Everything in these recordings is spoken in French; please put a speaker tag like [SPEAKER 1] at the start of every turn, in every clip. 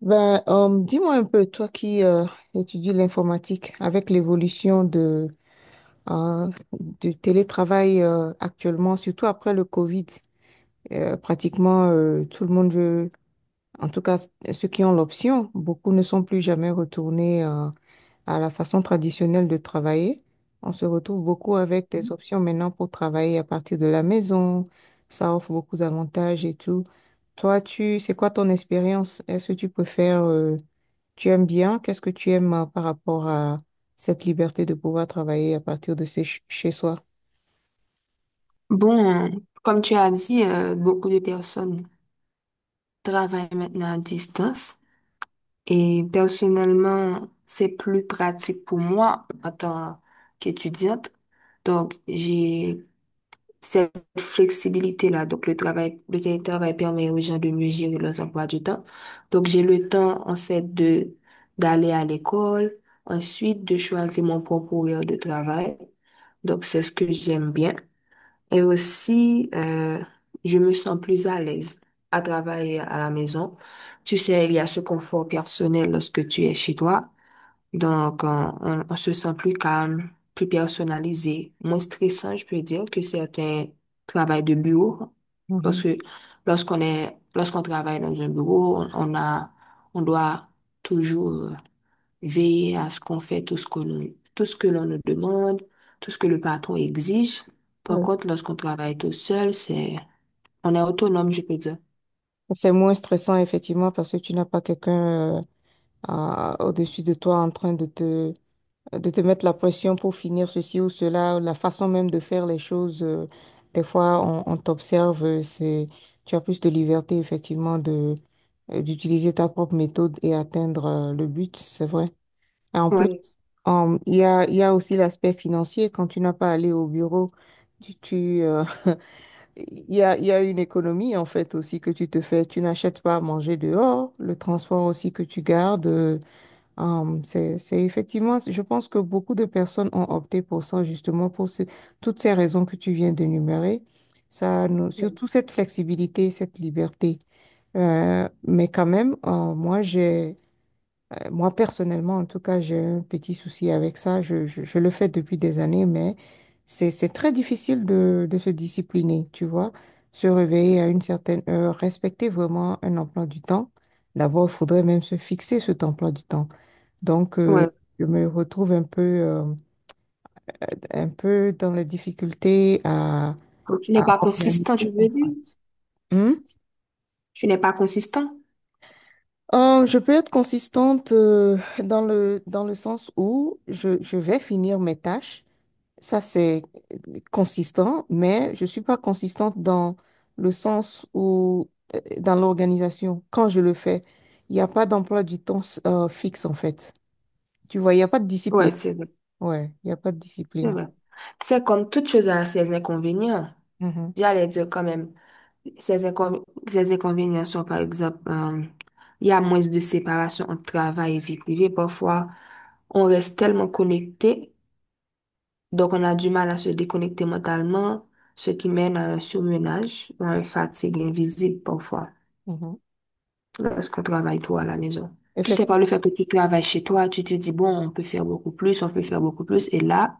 [SPEAKER 1] Ben, dis-moi un peu, toi qui étudies l'informatique, avec l'évolution de, euh, du télétravail actuellement, surtout après le Covid, pratiquement tout le monde veut, en tout cas ceux qui ont l'option, beaucoup ne sont plus jamais retournés à la façon traditionnelle de travailler. On se retrouve beaucoup avec des options maintenant pour travailler à partir de la maison. Ça offre beaucoup d'avantages et tout. Toi, c'est quoi ton expérience? Est-ce que tu préfères tu aimes bien? Qu'est-ce que tu aimes par rapport à cette liberté de pouvoir travailler à partir de chez soi?
[SPEAKER 2] Bon, comme tu as dit, beaucoup de personnes travaillent maintenant à distance et personnellement, c'est plus pratique pour moi en tant qu'étudiante. Donc, j'ai cette flexibilité-là. Donc, le télétravail permet aux gens de mieux gérer leurs emplois du temps. Donc, j'ai le temps, en fait, d'aller à l'école, ensuite de choisir mon propre horaire de travail. Donc, c'est ce que j'aime bien. Et aussi, je me sens plus à l'aise à travailler à la maison. Tu sais, il y a ce confort personnel lorsque tu es chez toi. Donc, on se sent plus calme, plus personnalisé, moins stressant, je peux dire, que certains travails de bureau. Parce
[SPEAKER 1] Mhm.
[SPEAKER 2] que lorsqu'on travaille dans un bureau, on doit toujours veiller à ce qu'on fait tout ce que l'on nous demande, tout ce que le patron exige. Par
[SPEAKER 1] Ouais.
[SPEAKER 2] contre, lorsqu'on travaille tout seul, on est autonome, je peux dire.
[SPEAKER 1] C'est moins stressant, effectivement, parce que tu n'as pas quelqu'un au-dessus de toi en train de te mettre la pression pour finir ceci ou cela, la façon même de faire les choses. Des fois, on t'observe, euh, tu as plus de liberté, effectivement, de, d'utiliser ta propre méthode et atteindre le but, c'est vrai. Et en plus,
[SPEAKER 2] Ouais,
[SPEAKER 1] Il y a aussi l'aspect financier. Quand tu n'as pas allé au bureau, tu, il y a une économie en fait aussi que tu te fais. Tu n'achètes pas à manger dehors. Le transport aussi que tu gardes. Euh, c'est effectivement, je pense que beaucoup de personnes ont opté pour ça justement pour toutes ces raisons que tu viens d'énumérer. Surtout cette flexibilité, cette liberté. Mais quand même, moi, personnellement, en tout cas, j'ai un petit souci avec ça. Je le fais depuis des années, mais c'est très difficile de se discipliner, tu vois. Se réveiller à une certaine heure, respecter vraiment un emploi du temps. D'abord, il faudrait même se fixer cet emploi du temps. Donc,
[SPEAKER 2] ouais.
[SPEAKER 1] je me retrouve un peu dans la difficulté
[SPEAKER 2] Donc, tu
[SPEAKER 1] à
[SPEAKER 2] n'es pas
[SPEAKER 1] organiser
[SPEAKER 2] consistant, je
[SPEAKER 1] ça, en
[SPEAKER 2] veux dire.
[SPEAKER 1] fait. Hmm?
[SPEAKER 2] Tu n'es pas consistant.
[SPEAKER 1] Je peux être consistante dans le sens où je vais finir mes tâches. Ça, c'est consistant, mais je suis pas consistante dans le sens où, dans l'organisation, quand je le fais, il n'y a pas d'emploi du temps fixe, en fait. Tu vois, il n'y a pas de
[SPEAKER 2] Ouais,
[SPEAKER 1] discipline.
[SPEAKER 2] c'est vrai,
[SPEAKER 1] Ouais, il n'y a pas de
[SPEAKER 2] c'est
[SPEAKER 1] discipline.
[SPEAKER 2] vrai. C'est comme toute chose à ses inconvénients.
[SPEAKER 1] Mhm,
[SPEAKER 2] J'allais dire quand même. Ces inconvénients sont, par exemple, il y a moins de séparation entre travail et vie privée. Parfois, on reste tellement connecté, donc on a du mal à se déconnecter mentalement, ce qui mène à un surmenage ou à une fatigue invisible parfois
[SPEAKER 1] mhm.
[SPEAKER 2] lorsqu'on travaille trop à la maison. Tu sais,
[SPEAKER 1] Effectivement.
[SPEAKER 2] par le fait que tu travailles chez toi, tu te dis, bon, on peut faire beaucoup plus, on peut faire beaucoup plus. Et là,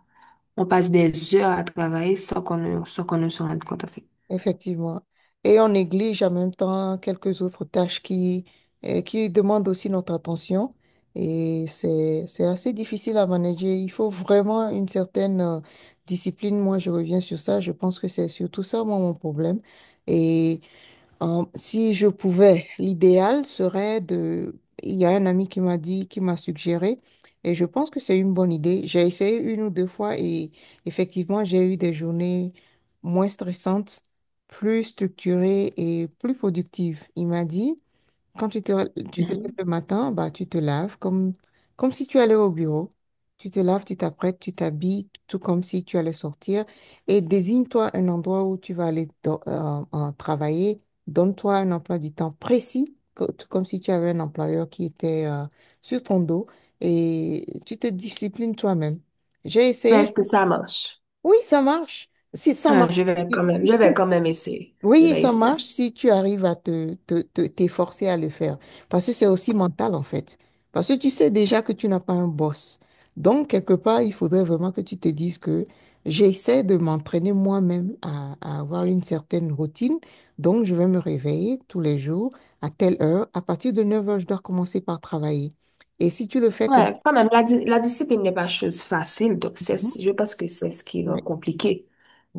[SPEAKER 2] on passe des heures à travailler sans qu'on ne se rende compte, en fait.
[SPEAKER 1] Effectivement. Et on néglige en même temps quelques autres tâches qui demandent aussi notre attention. Et c'est assez difficile à manager. Il faut vraiment une certaine discipline. Moi, je reviens sur ça. Je pense que c'est surtout ça, moi, mon problème. Et si je pouvais, l'idéal serait de... Il y a un ami qui m'a dit, qui m'a suggéré, et je pense que c'est une bonne idée. J'ai essayé une ou deux fois et effectivement, j'ai eu des journées moins stressantes, plus structurées et plus productives. Il m'a dit, quand tu te lèves
[SPEAKER 2] Mhm.
[SPEAKER 1] le matin, bah, tu te laves comme, comme si tu allais au bureau. Tu te laves, tu t'apprêtes, tu t'habilles, tout comme si tu allais sortir. Et désigne-toi un endroit où tu vas aller travailler. Donne-toi un emploi du temps précis, tout comme si tu avais un employeur qui était sur ton dos. Et tu te disciplines toi-même. J'ai
[SPEAKER 2] Mais
[SPEAKER 1] essayé.
[SPEAKER 2] est-ce que ça marche?
[SPEAKER 1] Oui, ça marche. Si ça
[SPEAKER 2] Ouais,
[SPEAKER 1] marche.
[SPEAKER 2] je vais quand même essayer. Je
[SPEAKER 1] Oui,
[SPEAKER 2] vais
[SPEAKER 1] ça
[SPEAKER 2] essayer.
[SPEAKER 1] marche si tu arrives à t'efforcer à le faire. Parce que c'est aussi mental, en fait. Parce que tu sais déjà que tu n'as pas un boss. Donc, quelque part, il faudrait vraiment que tu te dises que j'essaie de m'entraîner moi-même à avoir une certaine routine. Donc, je vais me réveiller tous les jours à telle heure. À partir de 9 heures, je dois commencer par travailler. Et si tu le fais comme...
[SPEAKER 2] Ouais, quand même, la discipline n'est pas chose facile, donc
[SPEAKER 1] Mhm.
[SPEAKER 2] je pense que c'est ce qui rend
[SPEAKER 1] Ouais,
[SPEAKER 2] compliqué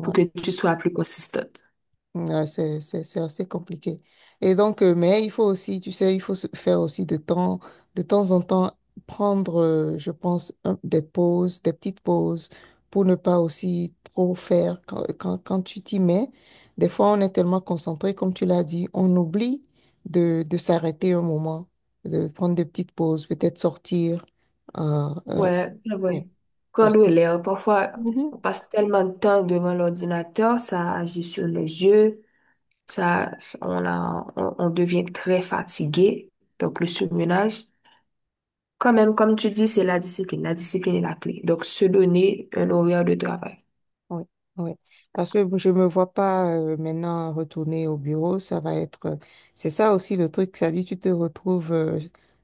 [SPEAKER 2] pour que tu sois plus consistante.
[SPEAKER 1] Ouais, c'est assez compliqué. Et donc, mais il faut aussi, tu sais, il faut se faire aussi de temps en temps, prendre, je pense, des pauses, des petites pauses pour ne pas aussi trop faire quand, quand tu t'y mets. Des fois, on est tellement concentré, comme tu l'as dit, on oublie de s'arrêter un moment, de prendre des petites pauses, peut-être sortir. euh, euh,
[SPEAKER 2] Ouais, c'est
[SPEAKER 1] ouais,
[SPEAKER 2] vrai.
[SPEAKER 1] parce
[SPEAKER 2] Prendre l'air, parfois,
[SPEAKER 1] que-
[SPEAKER 2] on passe tellement de temps devant l'ordinateur, ça agit sur les yeux, on devient très fatigué, donc le surmenage. Quand même, comme tu dis, c'est la discipline. La discipline est la clé. Donc, se donner un horaire de travail.
[SPEAKER 1] Oui, oui. Parce que je me vois pas maintenant retourner au bureau. Ça va être. C'est ça aussi le truc. Ça dit, tu te retrouves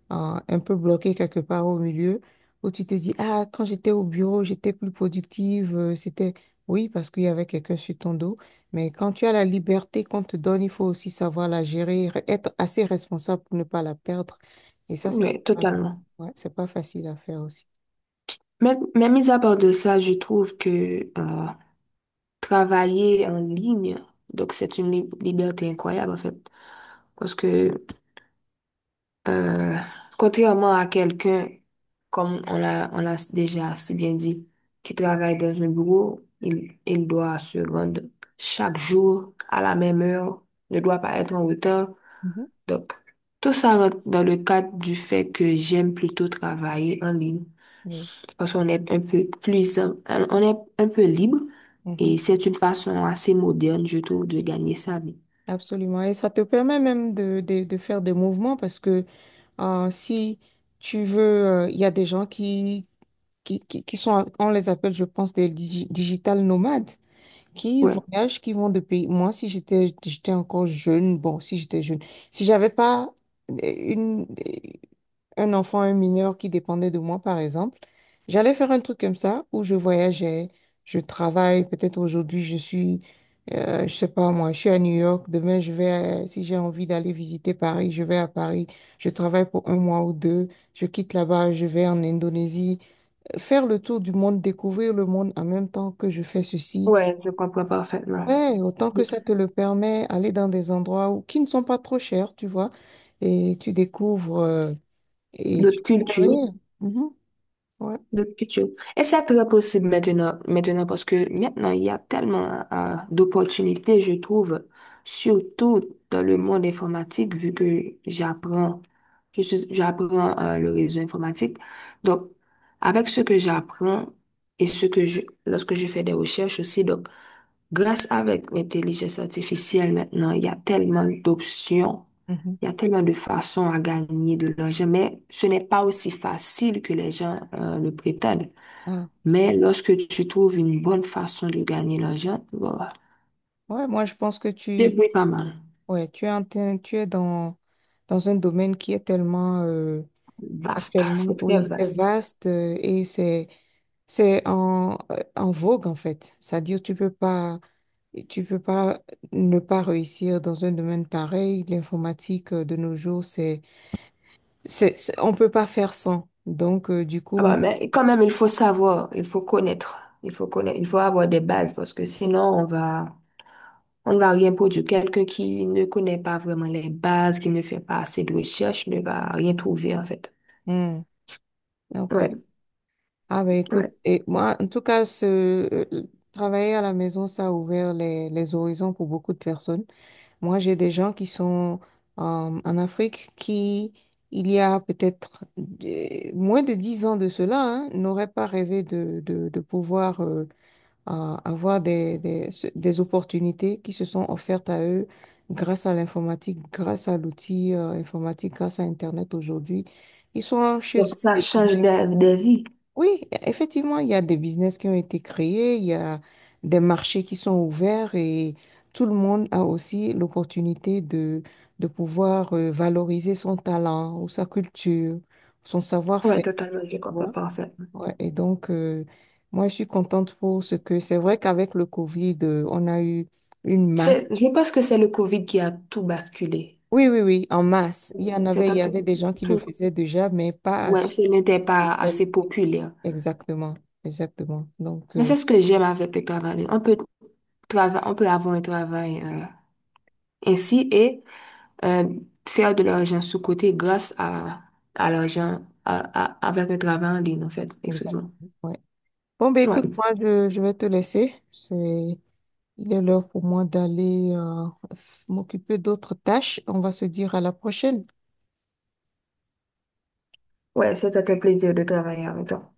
[SPEAKER 1] un peu bloqué quelque part au milieu où tu te dis, ah, quand j'étais au bureau, j'étais plus productive. C'était. Oui, parce qu'il y avait quelqu'un sur ton dos. Mais quand tu as la liberté qu'on te donne, il faut aussi savoir la gérer, être assez responsable pour ne pas la perdre. Et ça, c'est
[SPEAKER 2] Oui,
[SPEAKER 1] pas,
[SPEAKER 2] totalement.
[SPEAKER 1] ouais, c'est pas facile à faire aussi.
[SPEAKER 2] Mais mis à part de ça, je trouve que travailler en ligne, donc c'est une liberté incroyable en fait. Parce que euh, contrairement à quelqu'un, comme on l'a déjà si bien dit, qui travaille dans un bureau, il doit se rendre chaque jour à la même heure, ne doit pas être en retard. Donc, tout ça rentre dans le cadre du fait que j'aime plutôt travailler en ligne
[SPEAKER 1] Mhm.
[SPEAKER 2] parce qu'on est un peu plus, on est un peu libre
[SPEAKER 1] Oui.
[SPEAKER 2] et c'est une façon assez moderne, je trouve, de gagner sa vie.
[SPEAKER 1] Absolument. Et ça te permet même de faire des mouvements parce que si tu veux, il y a des gens qui sont, on les appelle, je pense, des digital nomades, qui
[SPEAKER 2] Ouais,
[SPEAKER 1] voyagent, qui vont de pays. Moi, si j'étais, j'étais encore jeune, bon, si j'étais jeune, si j'avais pas euh, une, euh, un enfant, un mineur qui dépendait de moi, par exemple, j'allais faire un truc comme ça où je voyageais, je travaille, peut-être aujourd'hui je suis, je sais pas moi, je suis à New York, demain je vais, si j'ai envie d'aller visiter Paris, je vais à Paris, je travaille pour un mois ou deux, je quitte là-bas, je vais en Indonésie, faire le tour du monde, découvrir le monde en même temps que je fais ceci.
[SPEAKER 2] ouais, je comprends parfaitement.
[SPEAKER 1] Ouais, autant que ça te le permet, aller dans des endroits où, qui ne sont pas trop chers, tu vois, et tu découvres et tu
[SPEAKER 2] D'autres
[SPEAKER 1] fais
[SPEAKER 2] cultures,
[SPEAKER 1] rire. Mhm, ouais.
[SPEAKER 2] de culture. Et c'est très possible maintenant, maintenant parce que maintenant, il y a tellement d'opportunités, je trouve, surtout dans le monde informatique, vu que j'apprends, j'apprends le réseau informatique. Donc, avec ce que j'apprends et lorsque je fais des recherches aussi, donc, grâce avec l'intelligence artificielle maintenant, il y a tellement d'options,
[SPEAKER 1] Mhm.
[SPEAKER 2] il y a tellement de façons à gagner de l'argent, mais ce n'est pas aussi facile que les gens le prétendent.
[SPEAKER 1] Ah,
[SPEAKER 2] Mais lorsque tu trouves une bonne façon de gagner l'argent, voilà,
[SPEAKER 1] ouais, moi, je pense que
[SPEAKER 2] tu
[SPEAKER 1] tu,
[SPEAKER 2] pas mal.
[SPEAKER 1] ouais, tu es dans, dans un domaine qui est tellement,
[SPEAKER 2] Vaste,
[SPEAKER 1] actuellement,
[SPEAKER 2] c'est très
[SPEAKER 1] oui, c'est
[SPEAKER 2] vaste.
[SPEAKER 1] vaste et c'est en, en vogue, en fait. C'est-à-dire, tu peux pas ne pas réussir dans un domaine pareil. L'informatique, de nos jours, on peut pas faire sans. Donc, du
[SPEAKER 2] Ah
[SPEAKER 1] coup,
[SPEAKER 2] bah, mais quand même, il faut savoir, il faut avoir des bases parce que sinon on va on ne va rien produire. Quelqu'un qui ne connaît pas vraiment les bases, qui ne fait pas assez de recherches, ne va rien trouver, en fait.
[SPEAKER 1] hmm, ok.
[SPEAKER 2] Ouais,
[SPEAKER 1] Ah, ben, écoute,
[SPEAKER 2] ouais.
[SPEAKER 1] et moi, en tout cas, ce, euh, travailler à la maison, ça a ouvert les horizons pour beaucoup de personnes. Moi, j'ai des gens qui sont en Afrique qui, il y a peut-être moins de 10 ans de cela, hein, n'auraient pas rêvé de pouvoir avoir des opportunités qui se sont offertes à eux grâce à l'informatique, grâce à l'outil informatique, grâce à Internet aujourd'hui. Ils sont chez
[SPEAKER 2] Donc, ça
[SPEAKER 1] eux.
[SPEAKER 2] change de vie.
[SPEAKER 1] Oui, effectivement, il y a des business qui ont été créés, il y a des marchés qui sont ouverts et tout le monde a aussi l'opportunité de pouvoir valoriser son talent ou sa culture, son
[SPEAKER 2] Ouais,
[SPEAKER 1] savoir-faire.
[SPEAKER 2] totalement, je
[SPEAKER 1] Tu
[SPEAKER 2] comprends
[SPEAKER 1] vois.
[SPEAKER 2] parfaitement.
[SPEAKER 1] Ouais, et donc, moi, je suis contente pour ce que c'est vrai qu'avec le Covid, on a eu une masse.
[SPEAKER 2] C'est, je pense que c'est le COVID qui a tout basculé.
[SPEAKER 1] Oui, oui, oui, en masse. Il y en avait,
[SPEAKER 2] C'est
[SPEAKER 1] il
[SPEAKER 2] en
[SPEAKER 1] y
[SPEAKER 2] fait
[SPEAKER 1] avait des gens qui le
[SPEAKER 2] tout.
[SPEAKER 1] faisaient déjà, mais pas à,
[SPEAKER 2] Ouais, ce
[SPEAKER 1] à
[SPEAKER 2] n'était
[SPEAKER 1] cette
[SPEAKER 2] pas
[SPEAKER 1] échelle.
[SPEAKER 2] assez populaire.
[SPEAKER 1] Exactement, exactement. Donc,
[SPEAKER 2] Mais c'est ce que j'aime avec le travail. On peut on peut avoir un travail, ainsi et euh, faire de l'argent sous-côté grâce à l'argent à- avec le travail en ligne, en fait. Excuse-moi.
[SPEAKER 1] exactement. Bon, ben écoute,
[SPEAKER 2] Ouais.
[SPEAKER 1] moi, je vais te laisser. C'est, il est l'heure pour moi d'aller m'occuper d'autres tâches. On va se dire à la prochaine.
[SPEAKER 2] Ouais, c'était un plaisir de travailler avec toi.